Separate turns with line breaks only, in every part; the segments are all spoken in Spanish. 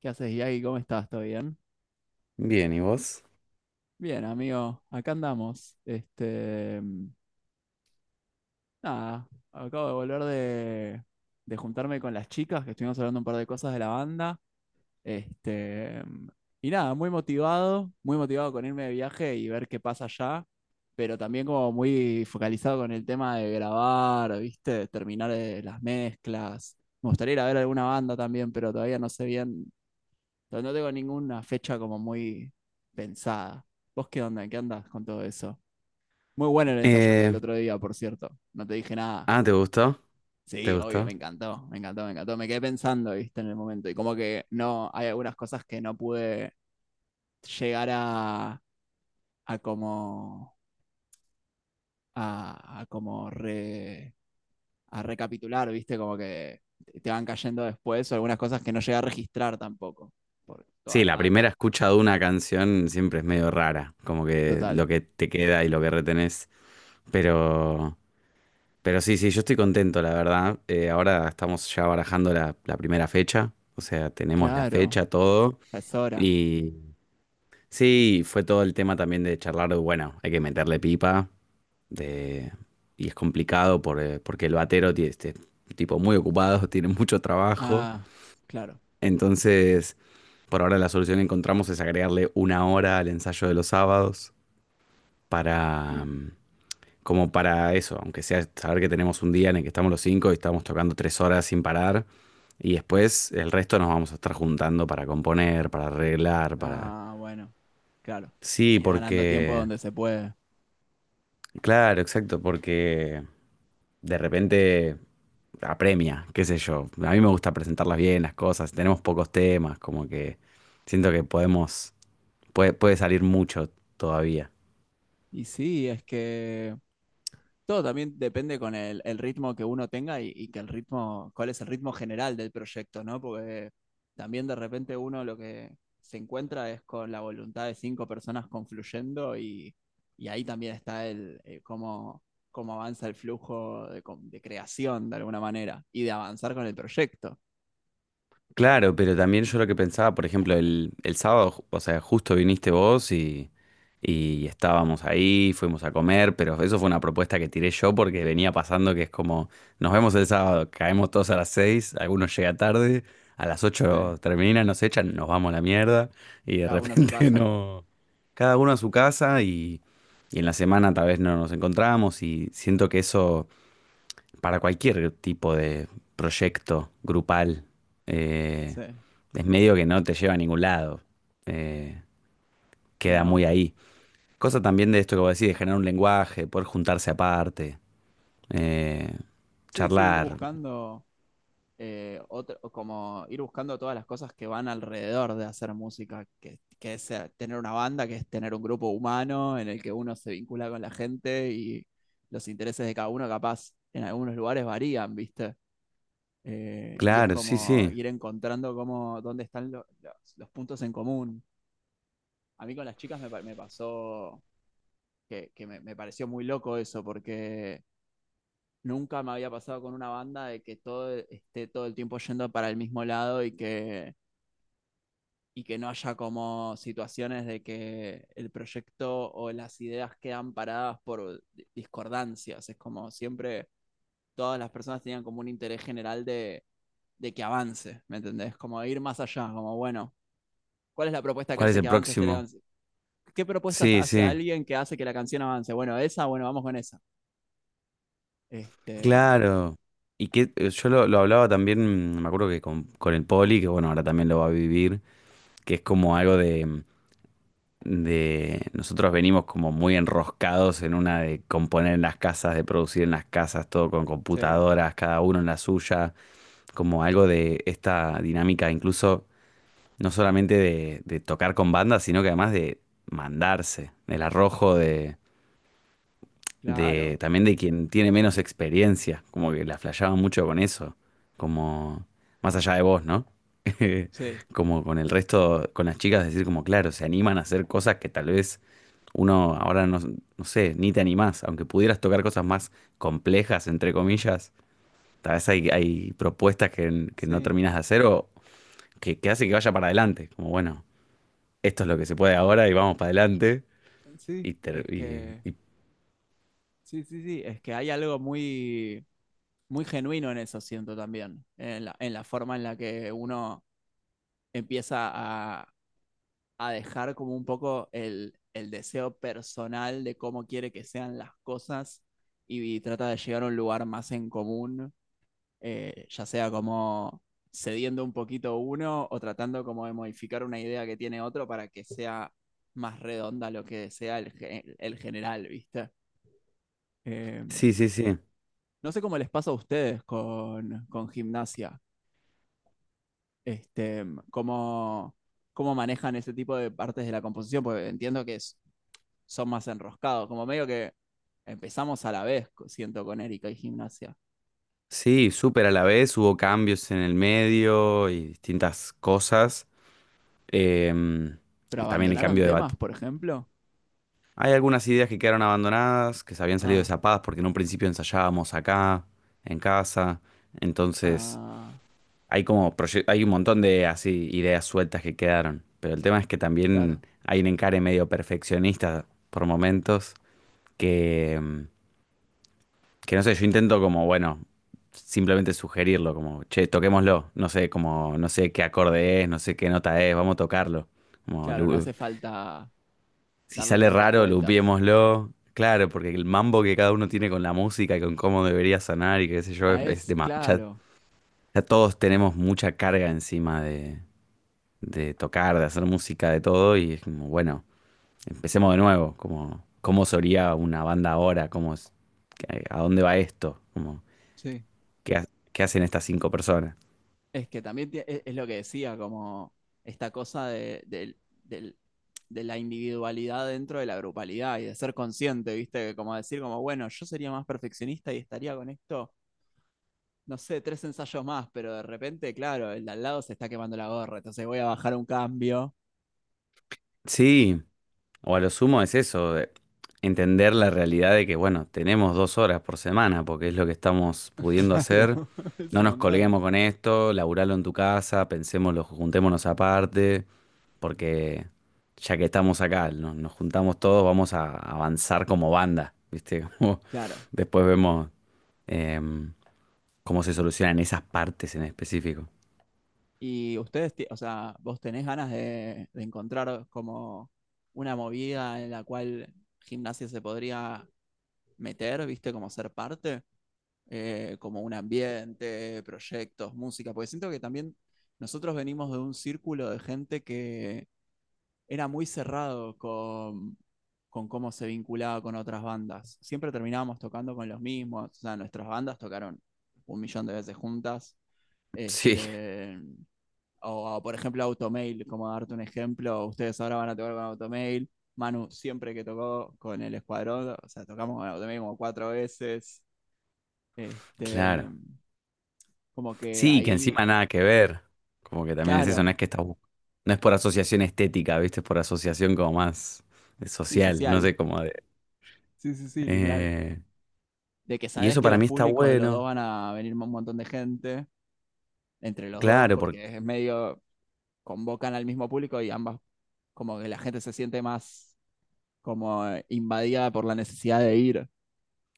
¿Qué haces, Yagi? ¿Cómo estás? ¿Todo bien?
Bien, ¿y vos?
Bien, amigo, acá andamos. Nada, acabo de volver de, juntarme con las chicas, que estuvimos hablando un par de cosas de la banda. Este, mm, y nada, muy motivado con irme de viaje y ver qué pasa allá, pero también como muy focalizado con el tema de grabar, ¿viste? Terminar las mezclas. Me gustaría ir a ver alguna banda también, pero todavía no sé bien. Pero no tengo ninguna fecha como muy pensada. ¿Vos qué onda? ¿En qué andás con todo eso? Muy bueno el ensayo que el
Eh,
otro día, por cierto. No te dije nada.
ah, ¿te gustó? ¿Te
Sí, obvio,
gustó?
me encantó, me encantó, me encantó. Me quedé pensando, viste, en el momento. Y como que no, hay algunas cosas que no pude llegar a, como, a, como re, a recapitular, viste, como que te van cayendo después, o algunas cosas que no llegué a registrar tampoco, por toda
Sí,
la
la primera
data.
escucha de una canción siempre es medio rara, como que lo
Total.
que te queda y lo que retenés. Pero, pero, sí, sí, yo estoy contento, la verdad. Ahora estamos ya barajando la primera fecha, o sea, tenemos la
Claro,
fecha, todo.
ya es hora.
Y sí, fue todo el tema también de charlar, bueno, hay que meterle pipa. de, y es complicado porque el batero tiene, tipo muy ocupado, tiene mucho trabajo.
Ah, claro.
Entonces, por ahora la solución que encontramos es agregarle una hora al ensayo de los sábados para,
Mm.
mm, como para eso, aunque sea saber que tenemos un día en el que estamos los cinco y estamos tocando 3 horas sin parar. Y después el resto nos vamos a estar juntando para componer, para arreglar, para.
Ah, bueno, claro.
Sí,
Ir ganando tiempo
porque.
donde se puede.
Claro, exacto, porque de repente apremia, qué sé yo. A mí me gusta presentarlas bien, las cosas. Tenemos pocos temas, como que siento que podemos. Puede, salir mucho todavía.
Y sí, es que todo también depende con el, ritmo que uno tenga y que el ritmo, ¿cuál es el ritmo general del proyecto, no? Porque también de repente uno lo que se encuentra es con la voluntad de cinco personas confluyendo y ahí también está el, cómo, avanza el flujo de, de creación de alguna manera y de avanzar con el proyecto.
Claro, pero también yo lo que pensaba, por ejemplo, el sábado, o sea, justo viniste vos y estábamos ahí, fuimos a comer, pero eso fue una propuesta que tiré yo porque venía pasando que es como, nos vemos el sábado, caemos todos a las 6, algunos llega tarde, a las
Sí,
ocho terminan, nos echan, nos vamos a la mierda y de
cada uno a su
repente
casa.
no, cada uno a su casa y en la semana tal vez no nos encontramos y siento que eso para cualquier tipo de proyecto grupal, eh,
Sí,
es medio que no te lleva a ningún lado, eh,
y
queda muy
no.
ahí. Cosa también de esto que vos decís, de generar un lenguaje, poder juntarse aparte, eh,
Sí, sí, ir
charlar.
buscando otro, como ir buscando todas las cosas que van alrededor de hacer música, que es tener una banda, que es tener un grupo humano en el que uno se vincula con la gente y los intereses de cada uno capaz en algunos lugares varían, ¿viste? Y es
Claro, sí,
como
sí.
ir encontrando cómo, dónde están los, puntos en común. A mí con las chicas me pasó que, me pareció muy loco eso, porque nunca me había pasado con una banda de que todo esté todo el tiempo yendo para el mismo lado y que, no haya como situaciones de que el proyecto o las ideas quedan paradas por discordancias. Es como siempre todas las personas tenían como un interés general de, que avance, ¿me entendés? Como ir más allá, como bueno, ¿cuál es la propuesta que
¿Cuál es
hace que
el
avance este
próximo?
avance? ¿Qué propuesta
Sí,
hace
sí.
alguien que hace que la canción avance? Bueno, esa, bueno, vamos con esa. Este,
Claro. Y que yo lo hablaba también, me acuerdo que con el Poli, que bueno, ahora también lo va a vivir, que es como algo de nosotros venimos como muy enroscados en una de componer en las casas, de producir en las casas, todo con
sí,
computadoras, cada uno en la suya, como algo de esta dinámica, incluso no solamente de tocar con bandas, sino que además de mandarse, el arrojo de
claro,
también de quien tiene menos experiencia, como que la flasheaban mucho con eso, como más allá de vos, ¿no?
sí,
Como con el resto, con las chicas, decir como, claro, se animan a hacer cosas que tal vez uno ahora no, no sé, ni te animás, aunque pudieras tocar cosas más complejas, entre comillas, tal vez hay propuestas que no
sí.
terminas de hacer o que hace que vaya para adelante, como bueno, esto es lo que se puede ahora y vamos para adelante.
Sí,
Y, ter-
es
y-
que,
y-
sí, sí, sí, es que hay algo muy, muy genuino en eso, siento también, en la, forma en la que uno empieza a dejar como un poco el, deseo personal de cómo quiere que sean las cosas y trata de llegar a un lugar más en común, ya sea como cediendo un poquito uno o tratando como de modificar una idea que tiene otro para que sea más redonda lo que sea el, el general, ¿viste? Eh,
sí, sí, sí.
No sé cómo les pasa a ustedes con, gimnasia, este, cómo, manejan ese tipo de partes de la composición, porque entiendo que son más enroscados, como medio que empezamos a la vez, siento, con Erika y gimnasia.
Sí, súper a la vez, hubo cambios en el medio y distintas cosas. Em,
Pero
y también el
abandonaron
cambio de bat.
temas, por ejemplo.
Hay algunas ideas que quedaron abandonadas, que se habían salido
Ah,
desapadas porque en un principio ensayábamos acá, en casa. Entonces,
ah,
hay un montón de así ideas sueltas que quedaron. Pero el tema es que también
claro,
hay un encare medio perfeccionista por momentos que, em, que no sé, yo intento como, bueno, simplemente sugerirlo, como, che, toquémoslo, no sé, como, no sé qué acorde es, no sé qué nota es, vamos a tocarlo. Como,
claro, no hace falta
si
darle
sale
tantas
raro,
vueltas.
lupiémoslo. Claro, porque el mambo que cada uno tiene con la música y con cómo debería sonar y qué sé yo,
Ah, es,
ya,
claro.
ya todos tenemos mucha carga encima de tocar, de hacer música, de todo, y es como, bueno, empecemos de nuevo, como, cómo sería una banda ahora, cómo es, a dónde va esto, como
Sí.
que, ha- que hacen estas cinco personas.
Es que también es lo que decía, como esta cosa de, del- de la individualidad dentro de la grupalidad y de ser consciente, ¿viste? Como decir, como, bueno, yo sería más perfeccionista y estaría con esto, no sé, tres ensayos más, pero de repente, claro, el de al lado se está quemando la gorra, entonces voy a bajar un cambio.
Sí, o a lo sumo es eso, de entender la realidad de que, bueno, tenemos 2 horas por semana, porque es lo que estamos pudiendo hacer.
Claro, es
No
un
nos
montón.
colguemos con esto, laburalo en tu casa, pensémoslo, juntémonos aparte, porque ya que estamos acá, nos juntamos todos, vamos a avanzar como banda, ¿viste? Como
Claro.
después vemos em, cómo se solucionan esas partes en específico.
Y ustedes, o sea, vos tenés ganas de, encontrar como una movida en la cual gimnasia se podría meter, ¿viste? Como ser parte, como un ambiente, proyectos, música, porque siento que también nosotros venimos de un círculo de gente que era muy cerrado con, cómo se vinculaba con otras bandas. Siempre terminábamos tocando con los mismos, o sea, nuestras bandas tocaron un millón de veces juntas.
Sí,
Este, o, por ejemplo Automail, como darte un ejemplo, ustedes ahora van a tocar con Automail. Manu siempre que tocó con el escuadrón, o sea, tocamos con Automail como cuatro veces. Este,
claro.
como que
Sí, que
ahí,
encima nada que ver. Como que también es eso, no
claro,
es que está. No es por asociación estética, ¿viste? Es por asociación como más de
sí,
social, no
social.
sé cómo de.
Sí, sí, sí, literal.
eh,
De que
y
sabes
eso
que
para
los
mí está
públicos de los dos
bueno,
van a venir un montón de gente entre los dos
claro,
porque es medio convocan al mismo público y ambas como que la gente se siente más como invadida por la necesidad de ir.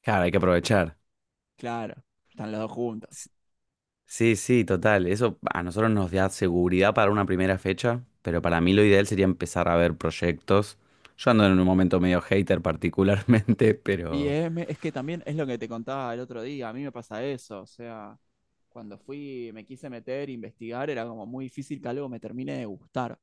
claro, hay que aprovechar.
Claro, están los dos juntos.
S- Sí, sí, total. Eso a nosotros nos da seguridad para una primera fecha, pero para mí lo ideal sería empezar a ver proyectos. Yo ando en un momento medio hater particularmente,
Y
pero.
es, es que también es lo que te contaba el otro día, a mí me pasa eso, o sea, cuando fui, me quise meter, investigar, era como muy difícil que algo me termine de gustar,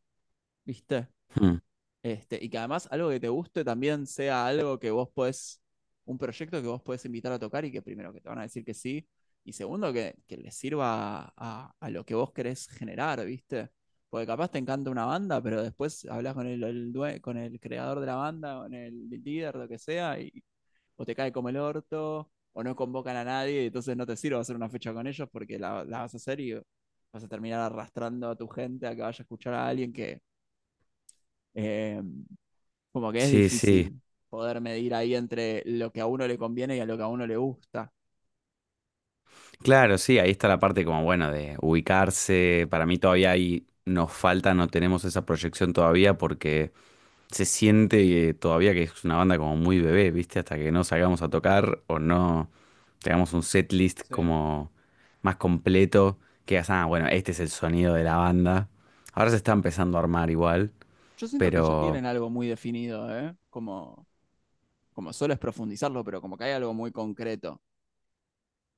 ¿viste?
Hmm.
Y que además algo que te guste también sea algo que vos podés, un proyecto que vos podés invitar a tocar y que primero que te van a decir que sí, y segundo que, les sirva a, lo que vos querés generar, ¿viste? Porque capaz te encanta una banda, pero después hablas con el con el creador de la banda, con el líder, lo que sea, y o te cae como el orto, o no convocan a nadie, y entonces no te sirve hacer una fecha con ellos porque la, vas a hacer y vas a terminar arrastrando a tu gente a que vaya a escuchar a alguien que eh, como que es
Sí, sí.
difícil poder medir ahí entre lo que a uno le conviene y a lo que a uno le gusta.
Claro, sí, ahí está la parte como, bueno, de ubicarse. Para mí todavía ahí nos falta, no tenemos esa proyección todavía porque se siente todavía que es una banda como muy bebé, ¿viste? Hasta que no salgamos a tocar o no tengamos un setlist
Sí.
como más completo, que digas, ah, bueno, este es el sonido de la banda. Ahora se está empezando a armar igual,
Yo siento que ya
pero
tienen algo muy definido, ¿eh? Como, como solo es profundizarlo, pero como que hay algo muy concreto.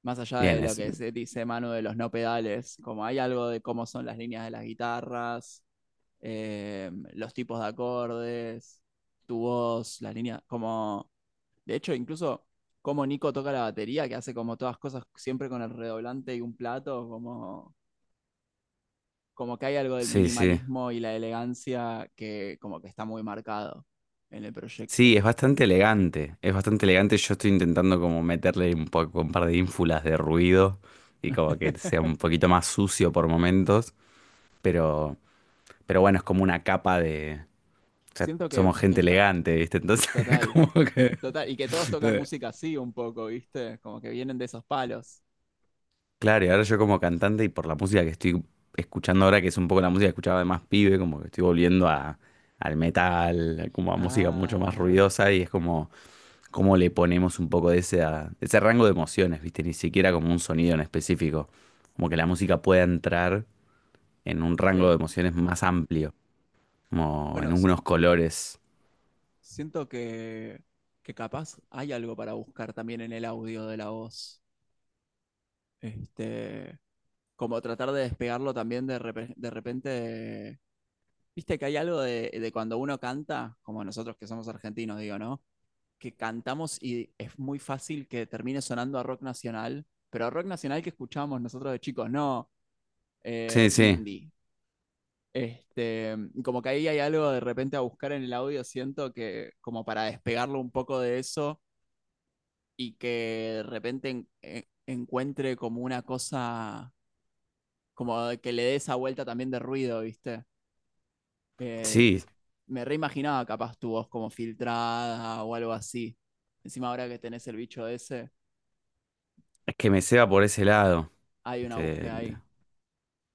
Más allá
bien,
de lo
es.
que se dice Manu de los no pedales, como hay algo de cómo son las líneas de las guitarras, los tipos de acordes, tu voz, las líneas, como... De hecho, incluso como Nico toca la batería, que hace como todas cosas siempre con el redoblante y un plato, como como que hay algo del
Sí, sí.
minimalismo y la elegancia que como que está muy marcado en el
Sí,
proyecto.
es bastante elegante, es bastante elegante. Yo estoy intentando como meterle un poco, un par de ínfulas de ruido y como que sea un poquito más sucio por momentos, pero, pero, bueno, es como una capa de. O sea,
Siento
somos
que
gente
está
elegante, ¿viste? Entonces,
total,
como que.
total, y que todos tocan música así un poco, ¿viste? Como que vienen de esos palos.
Claro, y ahora yo como cantante y por la música que estoy escuchando ahora, que es un poco la música que escuchaba de más pibe, como que estoy volviendo a, al metal, como a música mucho más
Ah,
ruidosa y es como. Cómo le ponemos un poco de ese, de ese rango de emociones, ¿viste? Ni siquiera como un sonido en específico. Como que la música pueda entrar en un rango
sí.
de emociones más amplio, como en
Bueno,
unos colores.
siento que, capaz hay algo para buscar también en el audio de la voz. Este, como tratar de despegarlo también de, de repente. Viste que hay algo de, cuando uno canta, como nosotros que somos argentinos, digo, ¿no? Que cantamos y es muy fácil que termine sonando a rock nacional, pero a rock nacional que escuchábamos nosotros de chicos, no
Sí, sí,
indie. Este, como que ahí hay algo de repente a buscar en el audio, siento que como para despegarlo un poco de eso y que de repente encuentre como una cosa, como que le dé esa vuelta también de ruido, ¿viste? Eh,
sí,
me reimaginaba capaz tu voz como filtrada o algo así. Encima ahora que tenés el bicho ese,
es que me ceba por ese lado.
hay una
Este,
búsqueda ahí.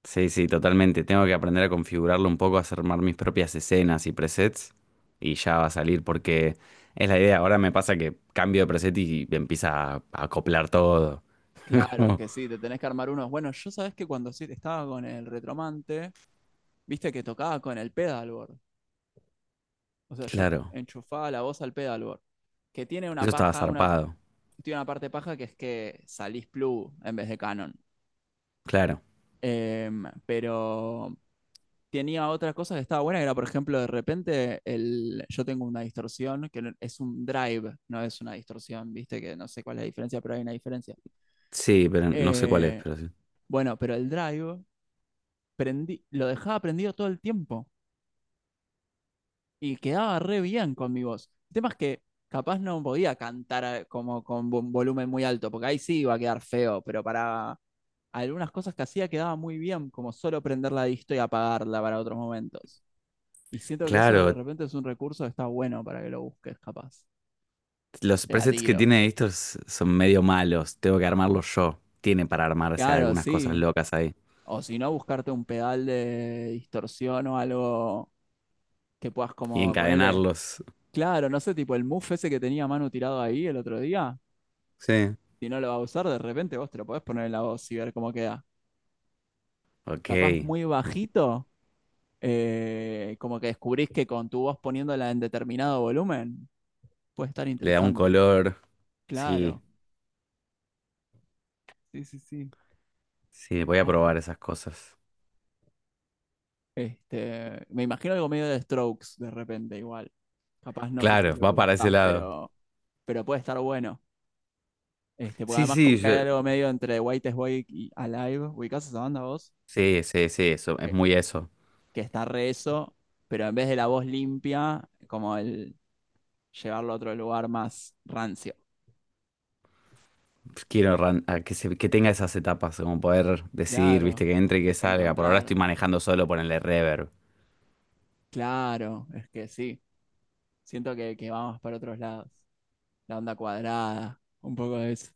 sí, sí, totalmente. Tengo que aprender a configurarlo un poco, a armar mis propias escenas y presets y ya va a salir porque es la idea. Ahora me pasa que cambio de preset y empieza a acoplar todo.
Claro, es
Como,
que sí, te tenés que armar unos. Bueno, yo sabés que cuando sí estaba con el retromante, viste que tocaba con el pedalboard. O sea, yo
claro,
enchufaba la voz al pedalboard, que tiene una
eso estaba
paja, una,
zarpado.
tiene una parte paja que es que salís Plu en vez de Canon.
Claro,
Pero tenía otra cosa que estaba buena, que era, por ejemplo, de repente el, yo tengo una distorsión, que es un drive, no es una distorsión, viste, que no sé cuál es la diferencia, pero hay una diferencia.
sí, pero no sé cuál es,
Eh,
pero sí.
bueno, pero el drive prendí, lo dejaba prendido todo el tiempo y quedaba re bien con mi voz. El tema es que capaz no podía cantar como con un volumen muy alto, porque ahí sí iba a quedar feo, pero para algunas cosas que hacía quedaba muy bien, como solo prender la disto y apagarla para otros momentos. Y siento que eso de
Claro,
repente es un recurso que está bueno para que lo busques, capaz.
los
Te la
presets que
tiro.
tiene estos son medio malos, tengo que armarlos yo. Tiene para armarse
Claro,
algunas cosas
sí.
locas ahí
O si no, buscarte un pedal de distorsión o algo que puedas
y
como ponerle.
encadenarlos.
Claro, no sé, tipo el muff ese que tenía Manu tirado ahí el otro día,
Sí.
si no lo va a usar, de repente vos te lo podés poner en la voz y ver cómo queda. Capaz
Ok,
muy bajito, como que descubrís que con tu voz poniéndola en determinado volumen, puede estar
le da un
interesante.
color. Sí,
Claro, sí, sí, sí,
sí, voy a probar
ojo.
esas cosas.
Me imagino algo medio de Strokes de repente igual. Capaz no sé si es
Claro,
lo que
va para ese
buscás,
lado.
pero puede estar bueno. Porque
Sí,
además
sí,
como que hay algo medio entre White is White y Alive, ¿ubicás esa banda vos?
sí, sí, sí, eso, es
Que
muy eso.
que está re eso, pero en vez de la voz limpia, como el llevarlo a otro lugar más rancio.
Quiero que tenga esas etapas, como poder decidir, viste,
Claro,
que entre y que salga. Por ahora estoy
encontrar.
manejando solo, ponerle reverb.
Claro, es que sí. Siento que vamos para otros lados. La onda cuadrada, un poco de eso.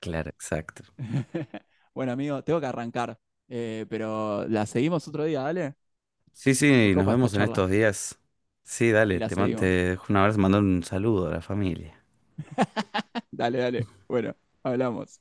Claro, exacto.
Bueno, amigo, tengo que arrancar, pero la seguimos otro día, dale.
Sí,
Me
sí, nos
copa esta
vemos en
charla
estos días. Sí,
y
dale,
la
te
seguimos.
dejo un abrazo, mando un saludo a la familia.
Dale, dale. Bueno, hablamos.